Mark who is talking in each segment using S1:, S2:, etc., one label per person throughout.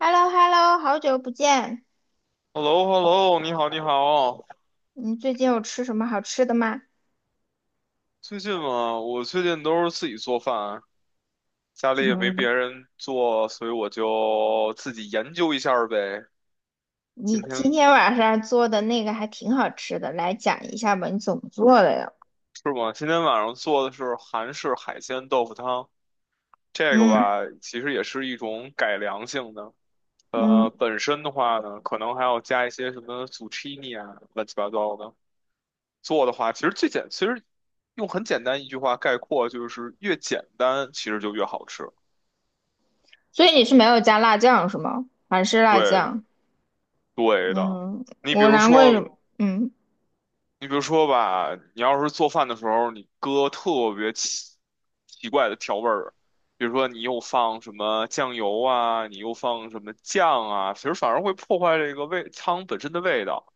S1: h e l l o hello 好久不见，
S2: h e l l o h e l l o 你好，你好。
S1: 你最近有吃什么好吃的吗？
S2: 最近嘛，我最近都是自己做饭，家里也没别
S1: 嗯，
S2: 人做，所以我就自己研究一下儿呗。今
S1: 你今
S2: 天
S1: 天晚上做的那个还挺好吃的，来讲一下吧，你怎么做的呀？
S2: 是吗？今天晚上做的是韩式海鲜豆腐汤，这个
S1: 嗯
S2: 吧，其实也是一种改良性的。
S1: 嗯，
S2: 本身的话呢，可能还要加一些什么 zucchini 啊，乱七八糟的。做的话，其实用很简单一句话概括，就是越简单，其实就越好吃。
S1: 所以你是没有加辣酱是吗？还是辣
S2: 对的。
S1: 酱，
S2: 对的，
S1: 嗯，
S2: 你比
S1: 我
S2: 如
S1: 难怪什
S2: 说，
S1: 么嗯
S2: 你比如说吧，你要是做饭的时候，你搁特别奇怪的调味儿，比如说你又放什么酱油啊，你又放什么酱啊，其实反而会破坏这个味汤本身的味道。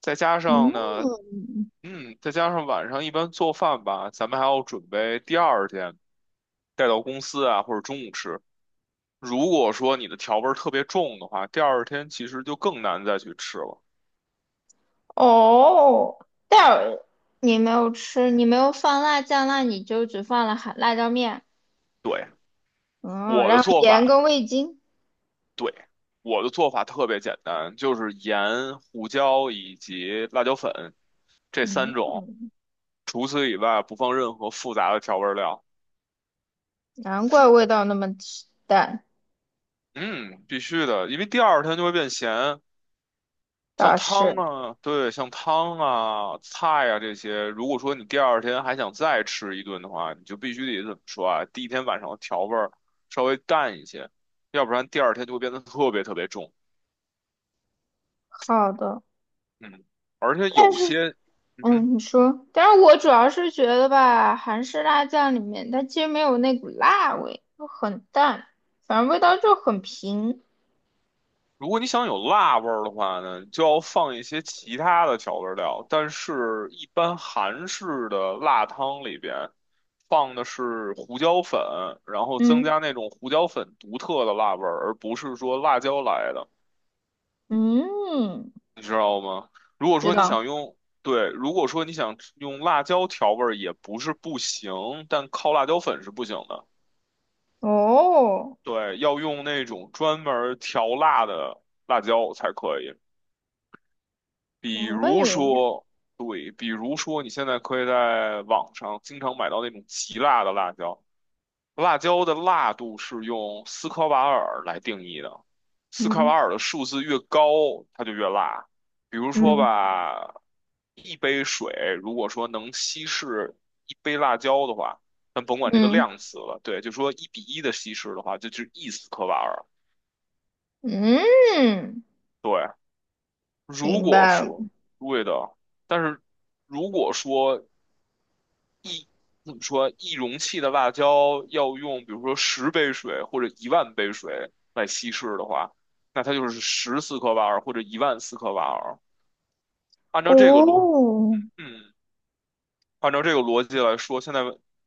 S2: 再加上呢，
S1: 嗯，
S2: 再加上晚上一般做饭吧，咱们还要准备第二天带到公司啊，或者中午吃。如果说你的调味儿特别重的话，第二天其实就更难再去吃了。
S1: 哦，但你没有吃，你没有放辣酱，那你就只放了韩辣椒面，
S2: 对。
S1: 嗯，
S2: 我的
S1: 然后
S2: 做
S1: 盐
S2: 法
S1: 跟味精，
S2: 对，我的做法特别简单，就是盐、胡椒以及辣椒粉这三种，
S1: 嗯。
S2: 除此以外不放任何复杂的调味料。
S1: 难
S2: 是，
S1: 怪味道那么淡，
S2: 嗯，必须的，因为第二天就会变咸。像
S1: 倒
S2: 汤
S1: 是
S2: 啊，对，像汤啊、菜啊这些，如果说你第二天还想再吃一顿的话，你就必须得怎么说啊？第一天晚上的调味儿稍微淡一些，要不然第二天就会变得特别特别重。
S1: 好的。
S2: 嗯，而且有些，嗯哼。
S1: 嗯，你说，但是我主要是觉得吧，韩式辣酱里面它其实没有那股辣味，就很淡，反正味道就很平。
S2: 如果你想有辣味儿的话呢，你就要放一些其他的调味料。但是，一般韩式的辣汤里边放的是胡椒粉，然后增
S1: 嗯
S2: 加那种胡椒粉独特的辣味儿，而不是说辣椒来的，
S1: 嗯，
S2: 你知道吗？如果
S1: 知
S2: 说你
S1: 道
S2: 想用，对，如果说你想用辣椒调味儿也不是不行，但靠辣椒粉是不行的。
S1: 哦，
S2: 对，要用那种专门儿调辣的辣椒才可以。比
S1: 可
S2: 如
S1: 以，
S2: 说，对，比如说你现在可以在网上经常买到那种极辣的辣椒，辣椒的辣度是用斯科瓦尔来定义的，斯科瓦
S1: 嗯
S2: 尔的数字越高，它就越辣。比如说
S1: 嗯
S2: 吧，一杯水如果说能稀释一杯辣椒的话，咱甭管这个
S1: 嗯
S2: 量词了，对，就说1:1的稀释的话，这就是一斯科瓦尔。
S1: 嗯，
S2: 对，如
S1: 明
S2: 果
S1: 白了。
S2: 说对的，但是如果说怎么说，一容器的辣椒要用，比如说10杯水或者一万杯水来稀释的话，那它就是14克瓦尔或者一万四克瓦尔。按照这个逻，
S1: 哦，
S2: 嗯，按照这个逻辑来说，现在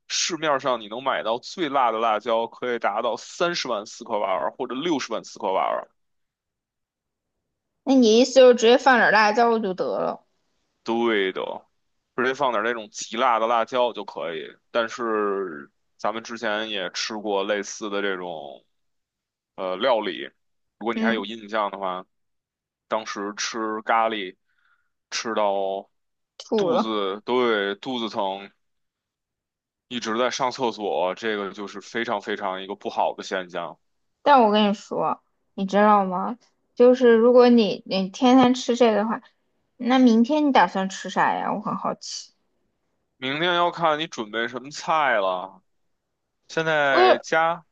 S2: 市面上你能买到最辣的辣椒可以达到三十万四克瓦尔或者六十万四克瓦尔。
S1: 那你意思就是直接放点辣椒就得了？
S2: 对的，直接放点那种极辣的辣椒就可以。但是咱们之前也吃过类似的这种料理，如果你还
S1: 嗯，
S2: 有印象的话，当时吃咖喱吃到
S1: 吐
S2: 肚
S1: 了。
S2: 子，对，肚子疼，一直在上厕所，这个就是非常非常一个不好的现象。
S1: 但我跟你说，你知道吗？就是如果你天天吃这个的话，那明天你打算吃啥呀？我很好奇。
S2: 明天要看你准备什么菜了，现
S1: 我
S2: 在
S1: 也
S2: 加。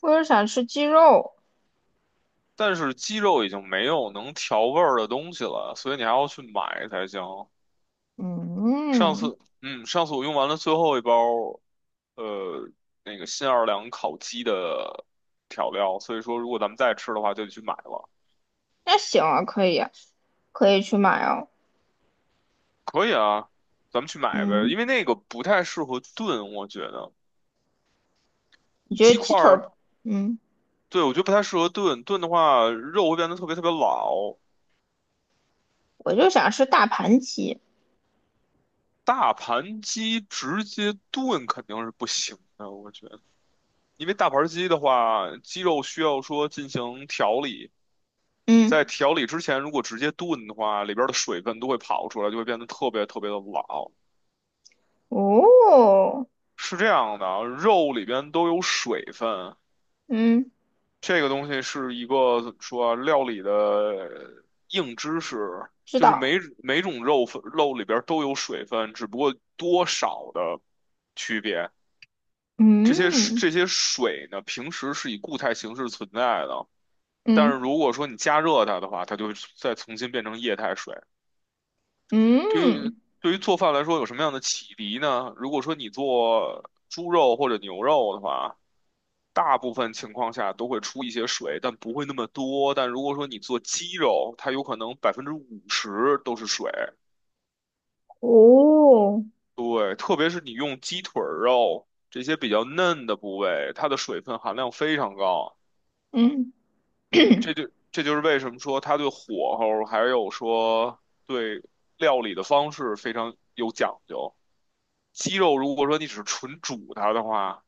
S1: 我也想吃鸡肉。
S2: 但是鸡肉已经没有能调味儿的东西了，所以你还要去买才行。
S1: 嗯，
S2: 上次我用完了最后一包，呃，那个新奥尔良烤鸡的调料，所以说如果咱们再吃的话，就得去买了。
S1: 那行啊，可以啊，可以去买哦。
S2: 可以啊，咱们去买呗，
S1: 嗯，
S2: 因为那个不太适合炖，我觉得
S1: 你觉
S2: 鸡
S1: 得鸡
S2: 块
S1: 腿
S2: 儿，
S1: 儿？嗯，
S2: 对，我觉得不太适合炖，炖的话肉会变得特别特别老。
S1: 我就想吃大盘鸡。
S2: 大盘鸡直接炖肯定是不行的，我觉得。因为大盘鸡的话，鸡肉需要说进行调理，
S1: 嗯，
S2: 在调理之前，如果直接炖的话，里边的水分都会跑出来，就会变得特别特别的老。
S1: 哦，
S2: 是这样的啊，肉里边都有水分，
S1: 嗯，
S2: 这个东西是一个怎么说啊，料理的硬知识，
S1: 知
S2: 就是
S1: 道。
S2: 每种肉里边都有水分，只不过多少的区别。这些
S1: 嗯
S2: 这些水呢，平时是以固态形式存在的。但是
S1: 嗯
S2: 如果说你加热它的话，它就会再重新变成液态水。对于
S1: 嗯，
S2: 对于做饭来说，有什么样的启迪呢？如果说你做猪肉或者牛肉的话，大部分情况下都会出一些水，但不会那么多。但如果说你做鸡肉，它有可能50%都是水。
S1: 哦，
S2: 对，特别是你用鸡腿儿肉这些比较嫩的部位，它的水分含量非常高。
S1: 嗯
S2: 嗯，这就是为什么说他对火候还有说对料理的方式非常有讲究。鸡肉如果说你只是纯煮它的话，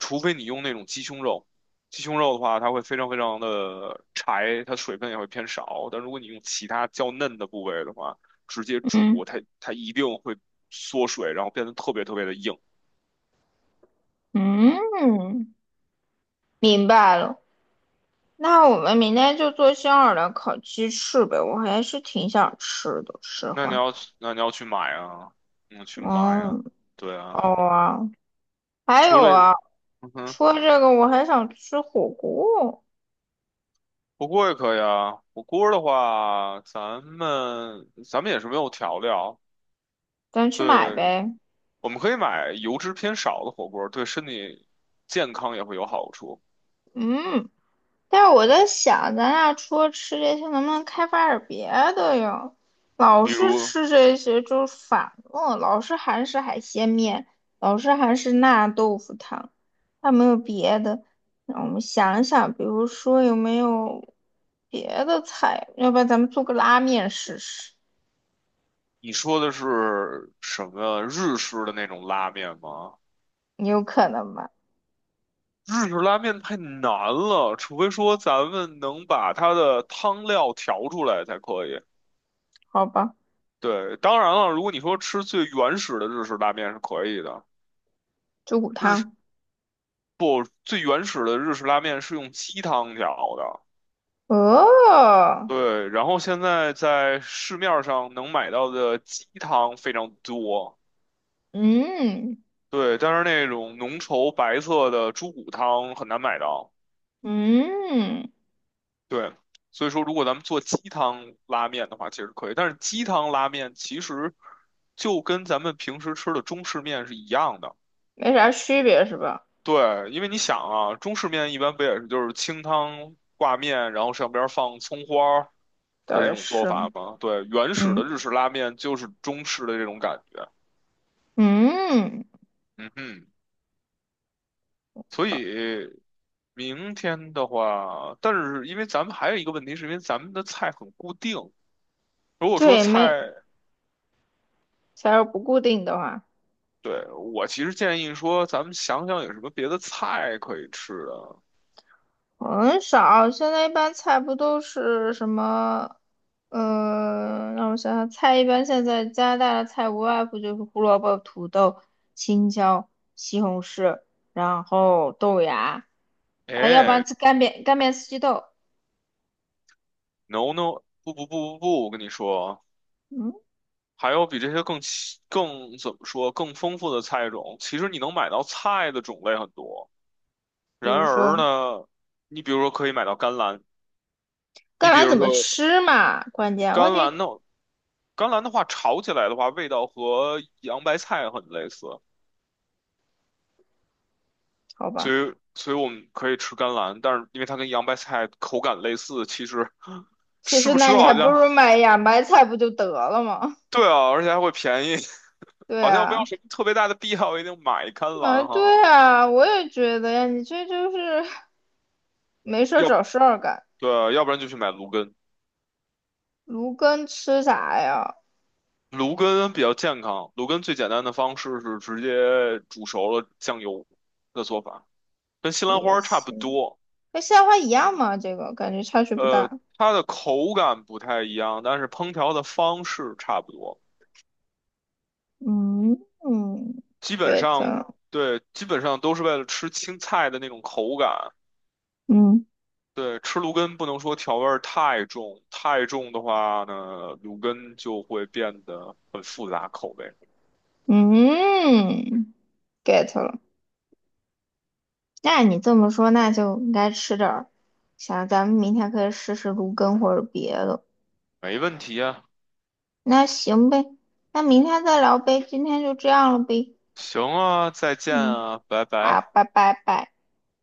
S2: 除非你用那种鸡胸肉，鸡胸肉的话它会非常非常的柴，它水分也会偏少。但如果你用其他较嫩的部位的话，直接
S1: 嗯
S2: 煮它它一定会缩水，然后变得特别特别的硬。
S1: 嗯。明白了。那我们明天就做香尔的烤鸡翅呗，我还是挺想吃的，实话。
S2: 那你要去买啊，嗯，去买啊，
S1: 嗯，
S2: 对啊，
S1: 哦啊，还
S2: 除
S1: 有
S2: 了。
S1: 啊，
S2: 嗯哼。
S1: 除了这个，我还想吃火锅，
S2: 火锅也可以啊。火锅的话，咱们也是没有调料，
S1: 咱去买
S2: 对，
S1: 呗。
S2: 我们可以买油脂偏少的火锅，对身体健康也会有好处。
S1: 嗯。但是我在想，咱俩除了吃这些，能不能开发点别的呀？老
S2: 比
S1: 是
S2: 如
S1: 吃这些就是反了，老是韩式海鲜面，老是韩式辣豆腐汤，还没有别的。让我们想一想，比如说有没有别的菜？要不然咱们做个拉面试试，
S2: 你说的是什么日式的那种拉面吗？
S1: 有可能吧？
S2: 日式拉面太难了，除非说咱们能把它的汤料调出来才可以。
S1: 好吧，
S2: 对，当然了，如果你说吃最原始的日式拉面是可以的。
S1: 猪骨汤。
S2: 不，最原始的日式拉面是用鸡汤调的。
S1: 哦，
S2: 对，然后现在在市面上能买到的鸡汤非常多，
S1: 嗯
S2: 对，但是那种浓稠白色的猪骨汤很难买到。
S1: 嗯，
S2: 对，所以说如果咱们做鸡汤拉面的话，其实可以，但是鸡汤拉面其实就跟咱们平时吃的中式面是一样的。
S1: 没啥区别是吧？
S2: 对，因为你想啊，中式面一般不也是就是清汤挂面，然后上边儿放葱花儿的
S1: 倒
S2: 这
S1: 也
S2: 种做
S1: 是，
S2: 法吗？对，原始
S1: 嗯。
S2: 的日式拉面就是中式的这种感觉。
S1: 嗯，
S2: 嗯哼，所以明天的话，但是因为咱们还有一个问题，是因为咱们的菜很固定。如果说
S1: 对，
S2: 菜，
S1: 没，假如不固定的话，
S2: 对，我其实建议说，咱们想想有什么别的菜可以吃的。
S1: 很少。现在一般菜不都是什么？让我想想，菜一般现在加拿大的菜无外乎就是胡萝卜、土豆、青椒、西红柿，然后豆芽，啊，要不然
S2: 哎
S1: 吃干煸四季豆。
S2: ，no no，不不不不不，我跟你说。
S1: 嗯，
S2: 还有比这些更怎么说更丰富的菜种，其实你能买到菜的种类很多。
S1: 比
S2: 然
S1: 如说
S2: 而呢，你比如说可以买到甘蓝，你
S1: 干
S2: 比
S1: 嘛
S2: 如
S1: 怎么
S2: 说
S1: 吃嘛，关键问
S2: 甘
S1: 题
S2: 蓝的甘蓝的话，炒起来的话，味道和洋白菜很类似，
S1: 好
S2: 所
S1: 吧。
S2: 以所以我们可以吃甘蓝，但是因为它跟洋白菜口感类似，
S1: 其
S2: 吃
S1: 实
S2: 不
S1: 那
S2: 吃
S1: 你还
S2: 好
S1: 不
S2: 像
S1: 如买芽白菜不就得了吗？
S2: 对啊，而且还会便宜，
S1: 对
S2: 好像没有
S1: 啊。
S2: 什么特别大的必要一定买甘
S1: 啊，
S2: 蓝哈，
S1: 对啊，我也觉得呀，你这就是没事儿
S2: 要
S1: 找事儿干。
S2: 对啊，要不然就去买芦根。
S1: 芦根吃啥呀？
S2: 芦根比较健康，芦根最简单的方式是直接煮熟了酱油的做法，跟西兰
S1: 也
S2: 花差不
S1: 行，
S2: 多。
S1: 和西兰花一样嘛，这个感觉差距不
S2: 呃，
S1: 大。
S2: 它的口感不太一样，但是烹调的方式差不多。
S1: 嗯嗯
S2: 基本
S1: ，get
S2: 上，
S1: 了，
S2: 对，基本上都是为了吃青菜的那种口感。
S1: 嗯
S2: 对，吃芦根不能说调味儿太重，太重的话呢，芦根就会变得很复杂口味。
S1: 嗯，get 了。那你这么说，那就应该吃点儿。想咱们明天可以试试芦根或者别的。
S2: 没问题啊，
S1: 那行呗，那明天再聊呗，今天就这样了呗。
S2: 行啊，再见
S1: 嗯，
S2: 啊，拜
S1: 好，
S2: 拜。
S1: 拜拜拜。